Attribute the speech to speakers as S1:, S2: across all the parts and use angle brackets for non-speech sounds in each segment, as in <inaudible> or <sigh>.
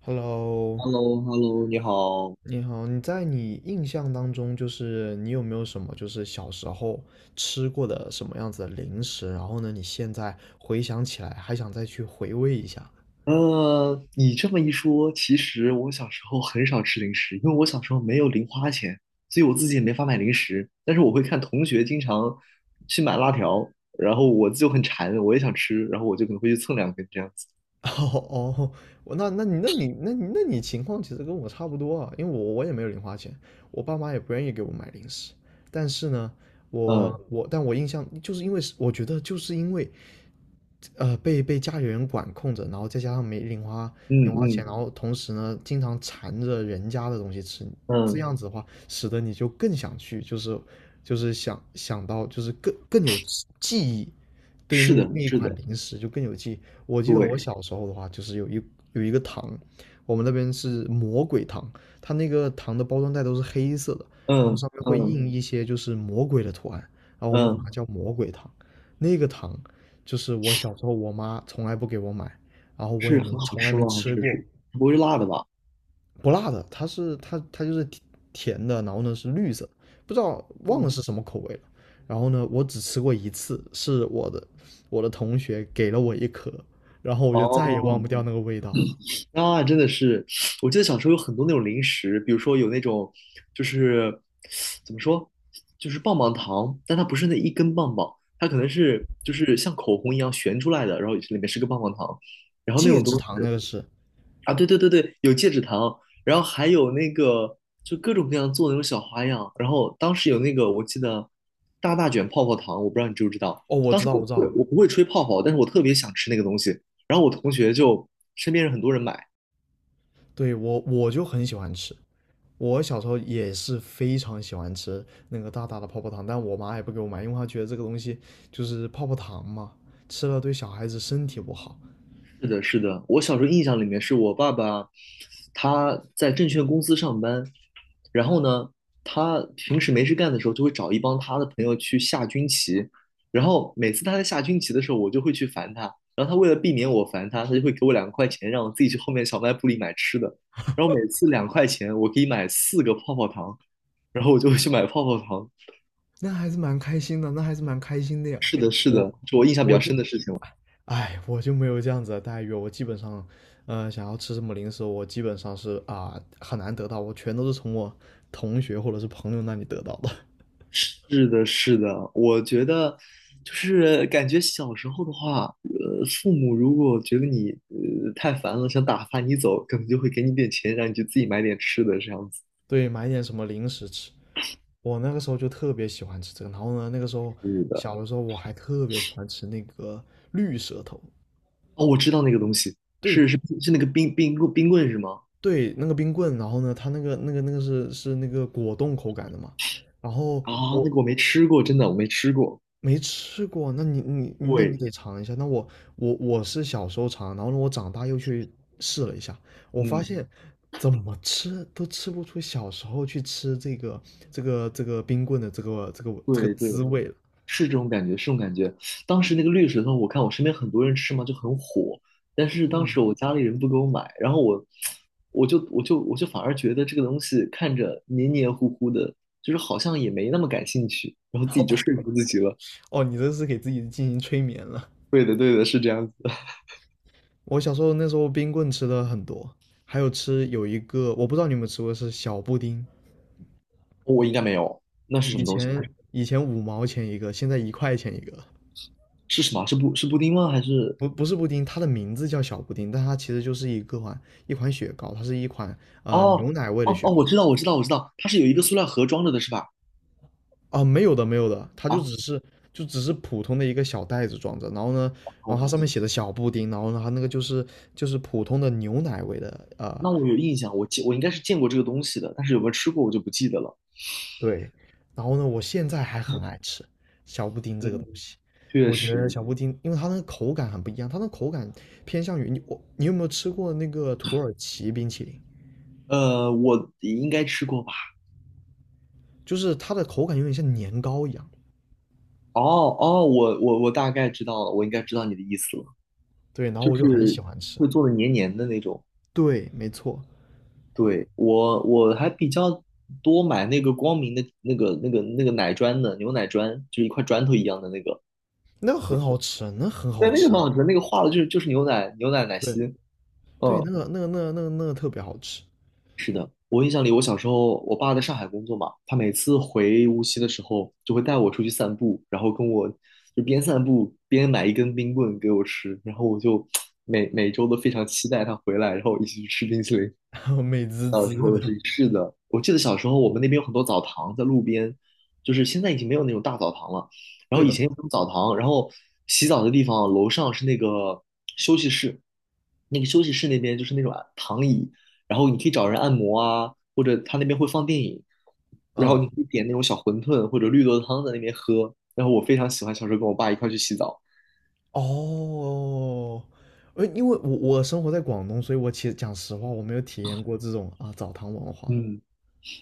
S1: Hello，
S2: h e l l o h e l l o 你好。
S1: 你好，你在你印象当中，就是你有没有什么就是小时候吃过的什么样子的零食？然后呢，你现在回想起来还想再去回味一下。
S2: 你这么一说，其实我小时候很少吃零食，因为我小时候没有零花钱，所以我自己也没法买零食。但是我会看同学经常去买辣条，然后我就很馋，我也想吃，然后我就可能会去蹭两根这样子。
S1: <laughs> 哦哦，我那那你那你那你那你情况其实跟我差不多啊，因为我也没有零花钱，我爸妈也不愿意给我买零食。但是呢，
S2: 嗯
S1: 我印象就是因为是我觉得就是因为被家里人管控着，然后再加上没零花
S2: 嗯
S1: 零花钱，
S2: 嗯
S1: 然后同时呢，经常馋着人家的东西吃，这
S2: 嗯，
S1: 样子的话，使得你就更想去，就是想想到，就是更有记忆，对那
S2: 是的，
S1: 那一
S2: 是的，
S1: 款零食就更有记忆。我记得我
S2: 对，
S1: 小时候的话，就是有一个糖，我们那边是魔鬼糖，它那个糖的包装袋都是黑色的，然后
S2: 嗯
S1: 上面会
S2: 嗯
S1: 印一些就是魔鬼的图案，然后我们管
S2: 嗯，
S1: 它叫魔鬼糖。那个糖就是我小时候我妈从来不给我买，然后我也
S2: 是
S1: 没
S2: 很好
S1: 从来
S2: 吃
S1: 没
S2: 吗？还
S1: 吃
S2: 是
S1: 过，
S2: 是不会是辣的吧？
S1: 不辣的，它就是甜甜的，然后呢是绿色，不知道忘了
S2: 嗯，
S1: 是什么口味了。然后呢，我只吃过一次，是我的同学给了我一颗，然后我就再也忘
S2: 哦
S1: 不掉那个味道。
S2: 啊，真的是，我记得小时候有很多那种零食，比如说有那种，就是怎么说，就是棒棒糖，但它不是那一根棒棒，它可能是就是像口红一样旋出来的，然后里面是个棒棒糖，然后那
S1: 戒
S2: 种
S1: 指
S2: 东
S1: 糖那
S2: 西
S1: 个是，
S2: 啊，对对对对，有戒指糖，然后还有那个就各种各样做那种小花样，然后当时有那个我记得大大卷泡泡糖，我不知道你知不知道，
S1: 哦，
S2: 当时我
S1: 我知
S2: 不会
S1: 道，
S2: 我不会吹泡泡，但是我特别想吃那个东西，然后我同学就身边人很多人买。
S1: 对我就很喜欢吃，我小时候也是非常喜欢吃那个大大的泡泡糖，但我妈也不给我买，因为她觉得这个东西就是泡泡糖嘛，吃了对小孩子身体不好。
S2: 是的，是的，我小时候印象里面是我爸爸，他在证券公司上班，然后呢，他平时没事干的时候就会找一帮他的朋友去下军棋，然后每次他在下军棋的时候，我就会去烦他，然后他为了避免我烦他，他就会给我两块钱，让我自己去后面小卖部里买吃的，然后每次两块钱我可以买四个泡泡糖，然后我就会去买泡泡糖。
S1: 那还是蛮开心的，那还是蛮开心的呀。
S2: 是的，是的，
S1: 我
S2: 是我印象比
S1: 我
S2: 较
S1: 就，
S2: 深的事情。
S1: 哎，我就没有这样子的待遇，我基本上，想要吃什么零食，我基本上是啊、很难得到，我全都是从我同学或者是朋友那里得到的。
S2: 是的，是的，我觉得就是感觉小时候的话，父母如果觉得你太烦了，想打发你走，可能就会给你点钱，让你去自己买点吃的这样子。
S1: <laughs> 对，买点什么零食吃。我那个时候就特别喜欢吃这个，然后呢，那个时候
S2: 是的，
S1: 小的时候我还特别喜欢吃那个绿舌头，
S2: 哦，我知道那个东西，
S1: 对，
S2: 是是是那个冰棍是吗？
S1: 对，那个冰棍，然后呢，它那个果冻口感的嘛，然后
S2: 啊，
S1: 我
S2: 那个我没吃过，真的我没吃过。
S1: 没吃过，那你
S2: 对，
S1: 得尝一下，我是小时候尝，然后呢，我长大又去试了一下，我发
S2: 嗯，
S1: 现怎么吃都吃不出小时候去吃这个冰棍的
S2: 对对，
S1: 滋味了，
S2: 是这种感觉，是这种感觉。当时那个绿舌头，我看我身边很多人吃嘛，就很火。但是当
S1: 嗯
S2: 时我家里人不给我买，然后我，我就反而觉得这个东西看着黏黏糊糊的，就是好像也没那么感兴趣，然后自己就说服自己了。
S1: 哦，你这是给自己进行催眠了。
S2: 对的，对的，是这样子的 <laughs>
S1: 我小时候那时候冰棍吃的很多，还有吃有一个我不知道你们吃过是小布丁，
S2: 我应该没有，那是什
S1: 以
S2: 么东西？
S1: 前以前五毛钱一个，现在一块钱一个。
S2: 是什么？是布丁吗？还是？
S1: 不是布丁，它的名字叫小布丁，但它其实就是一款雪糕，它是一款牛
S2: 哦
S1: 奶味的
S2: 哦
S1: 雪
S2: 哦，我
S1: 糕。
S2: 知道，我知道，我知道，它是有一个塑料盒装着的，是吧？
S1: 啊，没有的，它就
S2: 啊，
S1: 只是就只是普通的一个小袋子装着，然后呢，
S2: 我
S1: 然后它
S2: 很
S1: 上面
S2: 记，
S1: 写的小布丁，然后呢，它那个就是就是普通的牛奶味的
S2: 那我有印象，我应该是见过这个东西的，但是有没有吃过我就不记得了。
S1: 对，然后呢，我现在还很爱吃小布丁这个
S2: 嗯，
S1: 东西。
S2: 确
S1: 我觉得
S2: 实，
S1: 小布丁，因为它那个口感很不一样，它那口感偏向于你我，你有没有吃过那个土耳其冰淇淋？
S2: 我应该吃过吧？
S1: 就是它的口感有点像年糕一样。
S2: 哦哦，我大概知道了，我应该知道你的意思了，
S1: 对，然后
S2: 就
S1: 我就很
S2: 是
S1: 喜欢吃。
S2: 会做的黏黏的那种。
S1: 对，没错，
S2: 对，我还比较多买那个光明的那个奶砖的牛奶砖，就是一块砖头一样的那个，
S1: 那个很好吃啊，那很好
S2: 对，那个
S1: 吃
S2: 很
S1: 的。
S2: 好吃，那个化了就是牛奶牛奶奶
S1: 对
S2: 昔，
S1: 对，
S2: 嗯，
S1: 那个特别好吃，
S2: 我印象里，我小时候我爸在上海工作嘛，他每次回无锡的时候就会带我出去散步，然后跟我就边散步边买一根冰棍给我吃，然后我就每周都非常期待他回来，然后一起去吃冰淇淋。
S1: <laughs> 美滋
S2: 小时
S1: 滋
S2: 候的
S1: 的。
S2: 是是的，我记得小时候我们那边有很多澡堂在路边，就是现在已经没有那种大澡堂了。然
S1: 对
S2: 后以
S1: 的，
S2: 前有那种澡堂，然后洗澡的地方楼上是那个休息室，那个休息室那边就是那种啊躺椅，然后你可以找人按摩啊，或者他那边会放电影，然后
S1: 嗯，
S2: 你可以点那种小馄饨或者绿豆汤在那边喝。然后我非常喜欢小时候跟我爸一块去洗澡。
S1: 哦，因为我生活在广东，所以我其实讲实话，我没有体验过这种啊澡堂文化。
S2: 嗯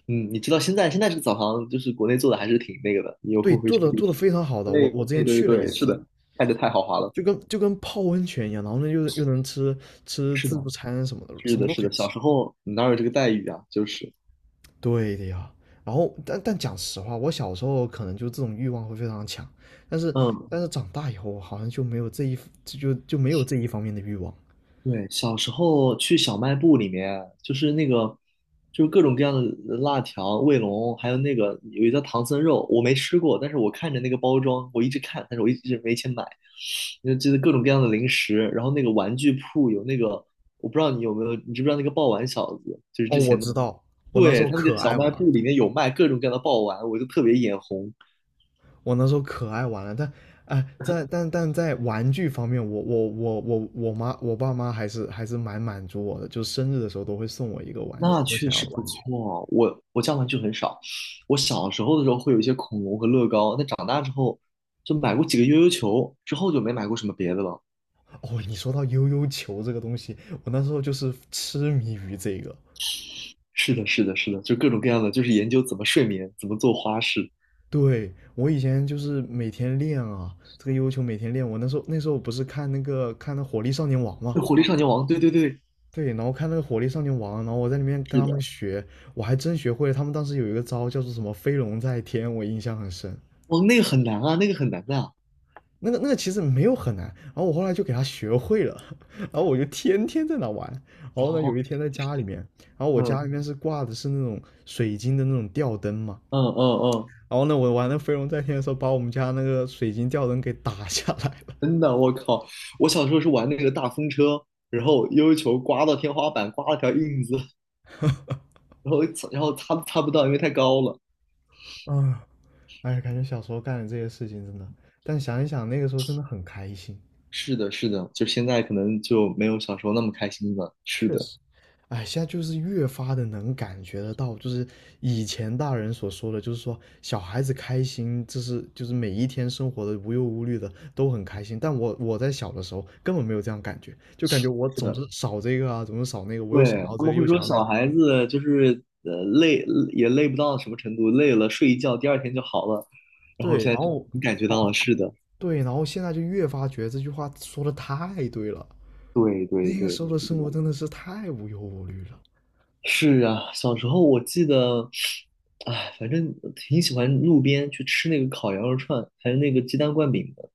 S2: 嗯，你知道现在这个澡堂就是国内做的还是挺那个的，你有
S1: 对，
S2: 空回去试一
S1: 做的
S2: 试。
S1: 非常好的，我
S2: 对
S1: 我之
S2: 对
S1: 前
S2: 对
S1: 去了一
S2: 对，是
S1: 次，
S2: 的，看着太豪华了。
S1: 就跟泡温泉一样，然后呢又能吃吃
S2: 是的，
S1: 自助餐什么的，
S2: 是
S1: 什么
S2: 的，
S1: 都
S2: 是
S1: 可以
S2: 的，小
S1: 吃。
S2: 时候哪有这个待遇啊？就是，
S1: 对的呀。然后，但讲实话，我小时候可能就这种欲望会非常强，但是
S2: 嗯，
S1: 但是长大以后，我好像就没有没有这一方面的欲望。
S2: 对，小时候去小卖部里面，就是那个，就是各种各样的辣条、卫龙，还有那个有一个叫唐僧肉，我没吃过，但是我看着那个包装，我一直看，但是我一直没钱买。那就是各种各样的零食，然后那个玩具铺有那个，我不知道你有没有，你知不知道那个爆丸小子，就是
S1: 哦，
S2: 之
S1: 我
S2: 前
S1: 知
S2: 的，
S1: 道，我那时
S2: 对，
S1: 候
S2: 他那个
S1: 可
S2: 小
S1: 爱
S2: 卖
S1: 玩儿
S2: 部里面有卖各种各样的爆丸，我就特别眼红。
S1: 我那时候可爱玩了，但啊、呃在但但在玩具方面，我爸妈还是还是蛮满足我的，就是生日的时候都会送我一个玩具，
S2: 那
S1: 我
S2: 确
S1: 想要
S2: 实
S1: 的
S2: 不
S1: 玩具。
S2: 错。我家玩具很少，我小时候的时候会有一些恐龙和乐高，但长大之后就买过几个悠悠球，之后就没买过什么别的了。
S1: 哦，你说到悠悠球这个东西，我那时候就是痴迷于这个。
S2: 是的，是的，是的，就各种各样的，就是研究怎么睡眠，怎么做花式。
S1: 对，我以前就是每天练啊，这个悠悠球每天练。我那时候不是看那个看那火力少年王嘛，
S2: 那《火力少年王，对对对，
S1: 对，然后看那个火力少年王啊，然后我在里面跟
S2: 是
S1: 他们
S2: 的，
S1: 学，我还真学会了。他们当时有一个招叫做什么飞龙在天，我印象很深。
S2: 哦，那个很难啊，那个很难的啊。
S1: 那个其实没有很难，然后我后来就给他学会了，然后我就天天在那玩。然后呢，有
S2: 哦，
S1: 一天在家里面，然后我家
S2: 嗯
S1: 里面是挂的是那种水晶的那种吊灯嘛，
S2: 嗯嗯嗯，
S1: 然后呢，我玩那飞龙在天的时候，把我们家那个水晶吊灯给打下来了。
S2: 真的，我靠，我小时候是玩那个大风车，然后悠悠球刮到天花板，刮了条印子，然后然后擦都擦不到，因为太高了。
S1: 啊，哎，感觉小时候干的这些事情真的，但想一想那个时候真的很开心。
S2: 是的，是的，就现在可能就没有小时候那么开心了。是
S1: 确
S2: 的，
S1: 实，哎，现在就是越发的能感觉得到，就是以前大人所说的，就是说小孩子开心，这是就是每一天生活的无忧无虑的都很开心。但我在小的时候根本没有这样感觉，就感觉我
S2: 是
S1: 总是
S2: 的，
S1: 少这个啊，总是少那个，我又想
S2: 对，
S1: 要
S2: 他
S1: 这
S2: 们
S1: 个
S2: 会
S1: 又想
S2: 说
S1: 要那个，
S2: 小孩子就是累也累不到什么程度，累了睡一觉，第二天就好了。然后
S1: 对，
S2: 现
S1: 然
S2: 在就
S1: 后
S2: 能感觉
S1: 哦
S2: 到了，是的，
S1: 对，然后现在就越发觉得这句话说的太对了，
S2: 对对
S1: 那个时
S2: 对，
S1: 候的生活真的是太无忧无虑了。
S2: 是啊，小时候我记得，哎，反正挺喜欢路边去吃那个烤羊肉串，还有那个鸡蛋灌饼的。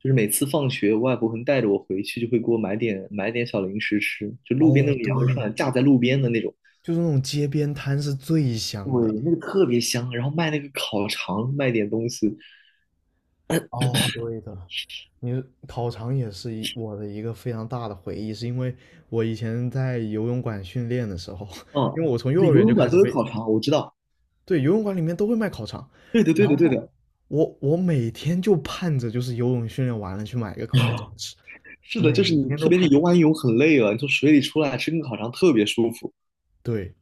S2: 就是每次放学，我外婆会带着我回去，就会给我买点买点小零食吃，就路边那
S1: 哦，
S2: 种羊肉
S1: 对，
S2: 串，架在路边的那种，
S1: 就是那种街边摊是最
S2: 对，
S1: 香的。
S2: 那个特别香。然后卖那个烤肠，卖点东西，
S1: 哦，对的，你烤肠也是我的一个非常大的回忆，是因为我以前在游泳馆训练的时候，<laughs>
S2: 嗯，
S1: 因为我从
S2: 就
S1: 幼
S2: 游
S1: 儿园就
S2: 泳
S1: 开
S2: 馆
S1: 始
S2: 都有
S1: 被，
S2: 烤肠，我知道。
S1: 对，游泳馆里面都会卖烤肠，
S2: 对的，对的，
S1: 然
S2: 对
S1: 后
S2: 的，
S1: 我每天就盼着就是游泳训练完了去买一个烤肠吃，
S2: 是的，就
S1: 每
S2: 是你，
S1: 天
S2: 特
S1: 都
S2: 别是
S1: 盼。
S2: 游完泳很累了，你从水里出来吃根烤肠特别舒服。
S1: 对，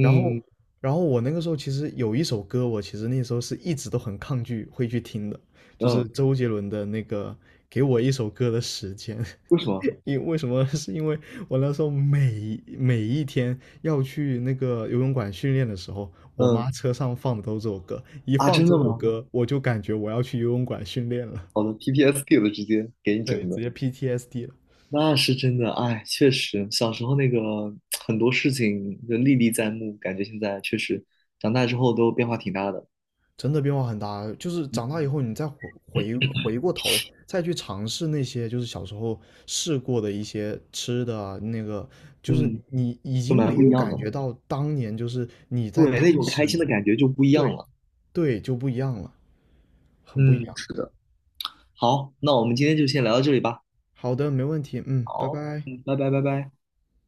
S1: 然后，然后我那个时候其实有一首歌，我其实那时候是一直都很抗拒会去听的，就是
S2: 嗯，
S1: 周杰伦的那个《给我一首歌的时间》。
S2: 为什么？
S1: <laughs> 因为什么？<laughs> 是因为我那时候每每一天要去那个游泳馆训练的时候，我妈
S2: 嗯。
S1: 车上放的都是这首歌，一
S2: 啊，
S1: 放
S2: 真
S1: 这
S2: 的
S1: 首
S2: 吗？
S1: 歌，我就感觉我要去游泳馆训练了，
S2: 好的 PPSD 的直接给你
S1: 对，
S2: 整
S1: 直
S2: 的，
S1: 接 PTSD 了。
S2: 那是真的。哎，确实，小时候那个很多事情就历历在目，感觉现在确实长大之后都变化挺大的。
S1: 真的变化很大，就是长大
S2: 嗯，
S1: 以后，你再回过头，再去尝试那些就是小时候试过的一些吃的啊那个就是
S2: 嗯
S1: 你已
S2: 就
S1: 经
S2: 蛮
S1: 没
S2: 不一
S1: 有
S2: 样的
S1: 感
S2: 了。
S1: 觉到当年就是你在
S2: 对，那
S1: 当
S2: 种开
S1: 时，
S2: 心的感觉就不一样
S1: 对
S2: 了。
S1: 对，就不一样了，很不一
S2: 嗯，
S1: 样。
S2: 是的。好，那我们今天就先聊到这里吧。
S1: 好的，没问题，嗯，拜
S2: 好，
S1: 拜。
S2: 嗯，拜拜，拜拜。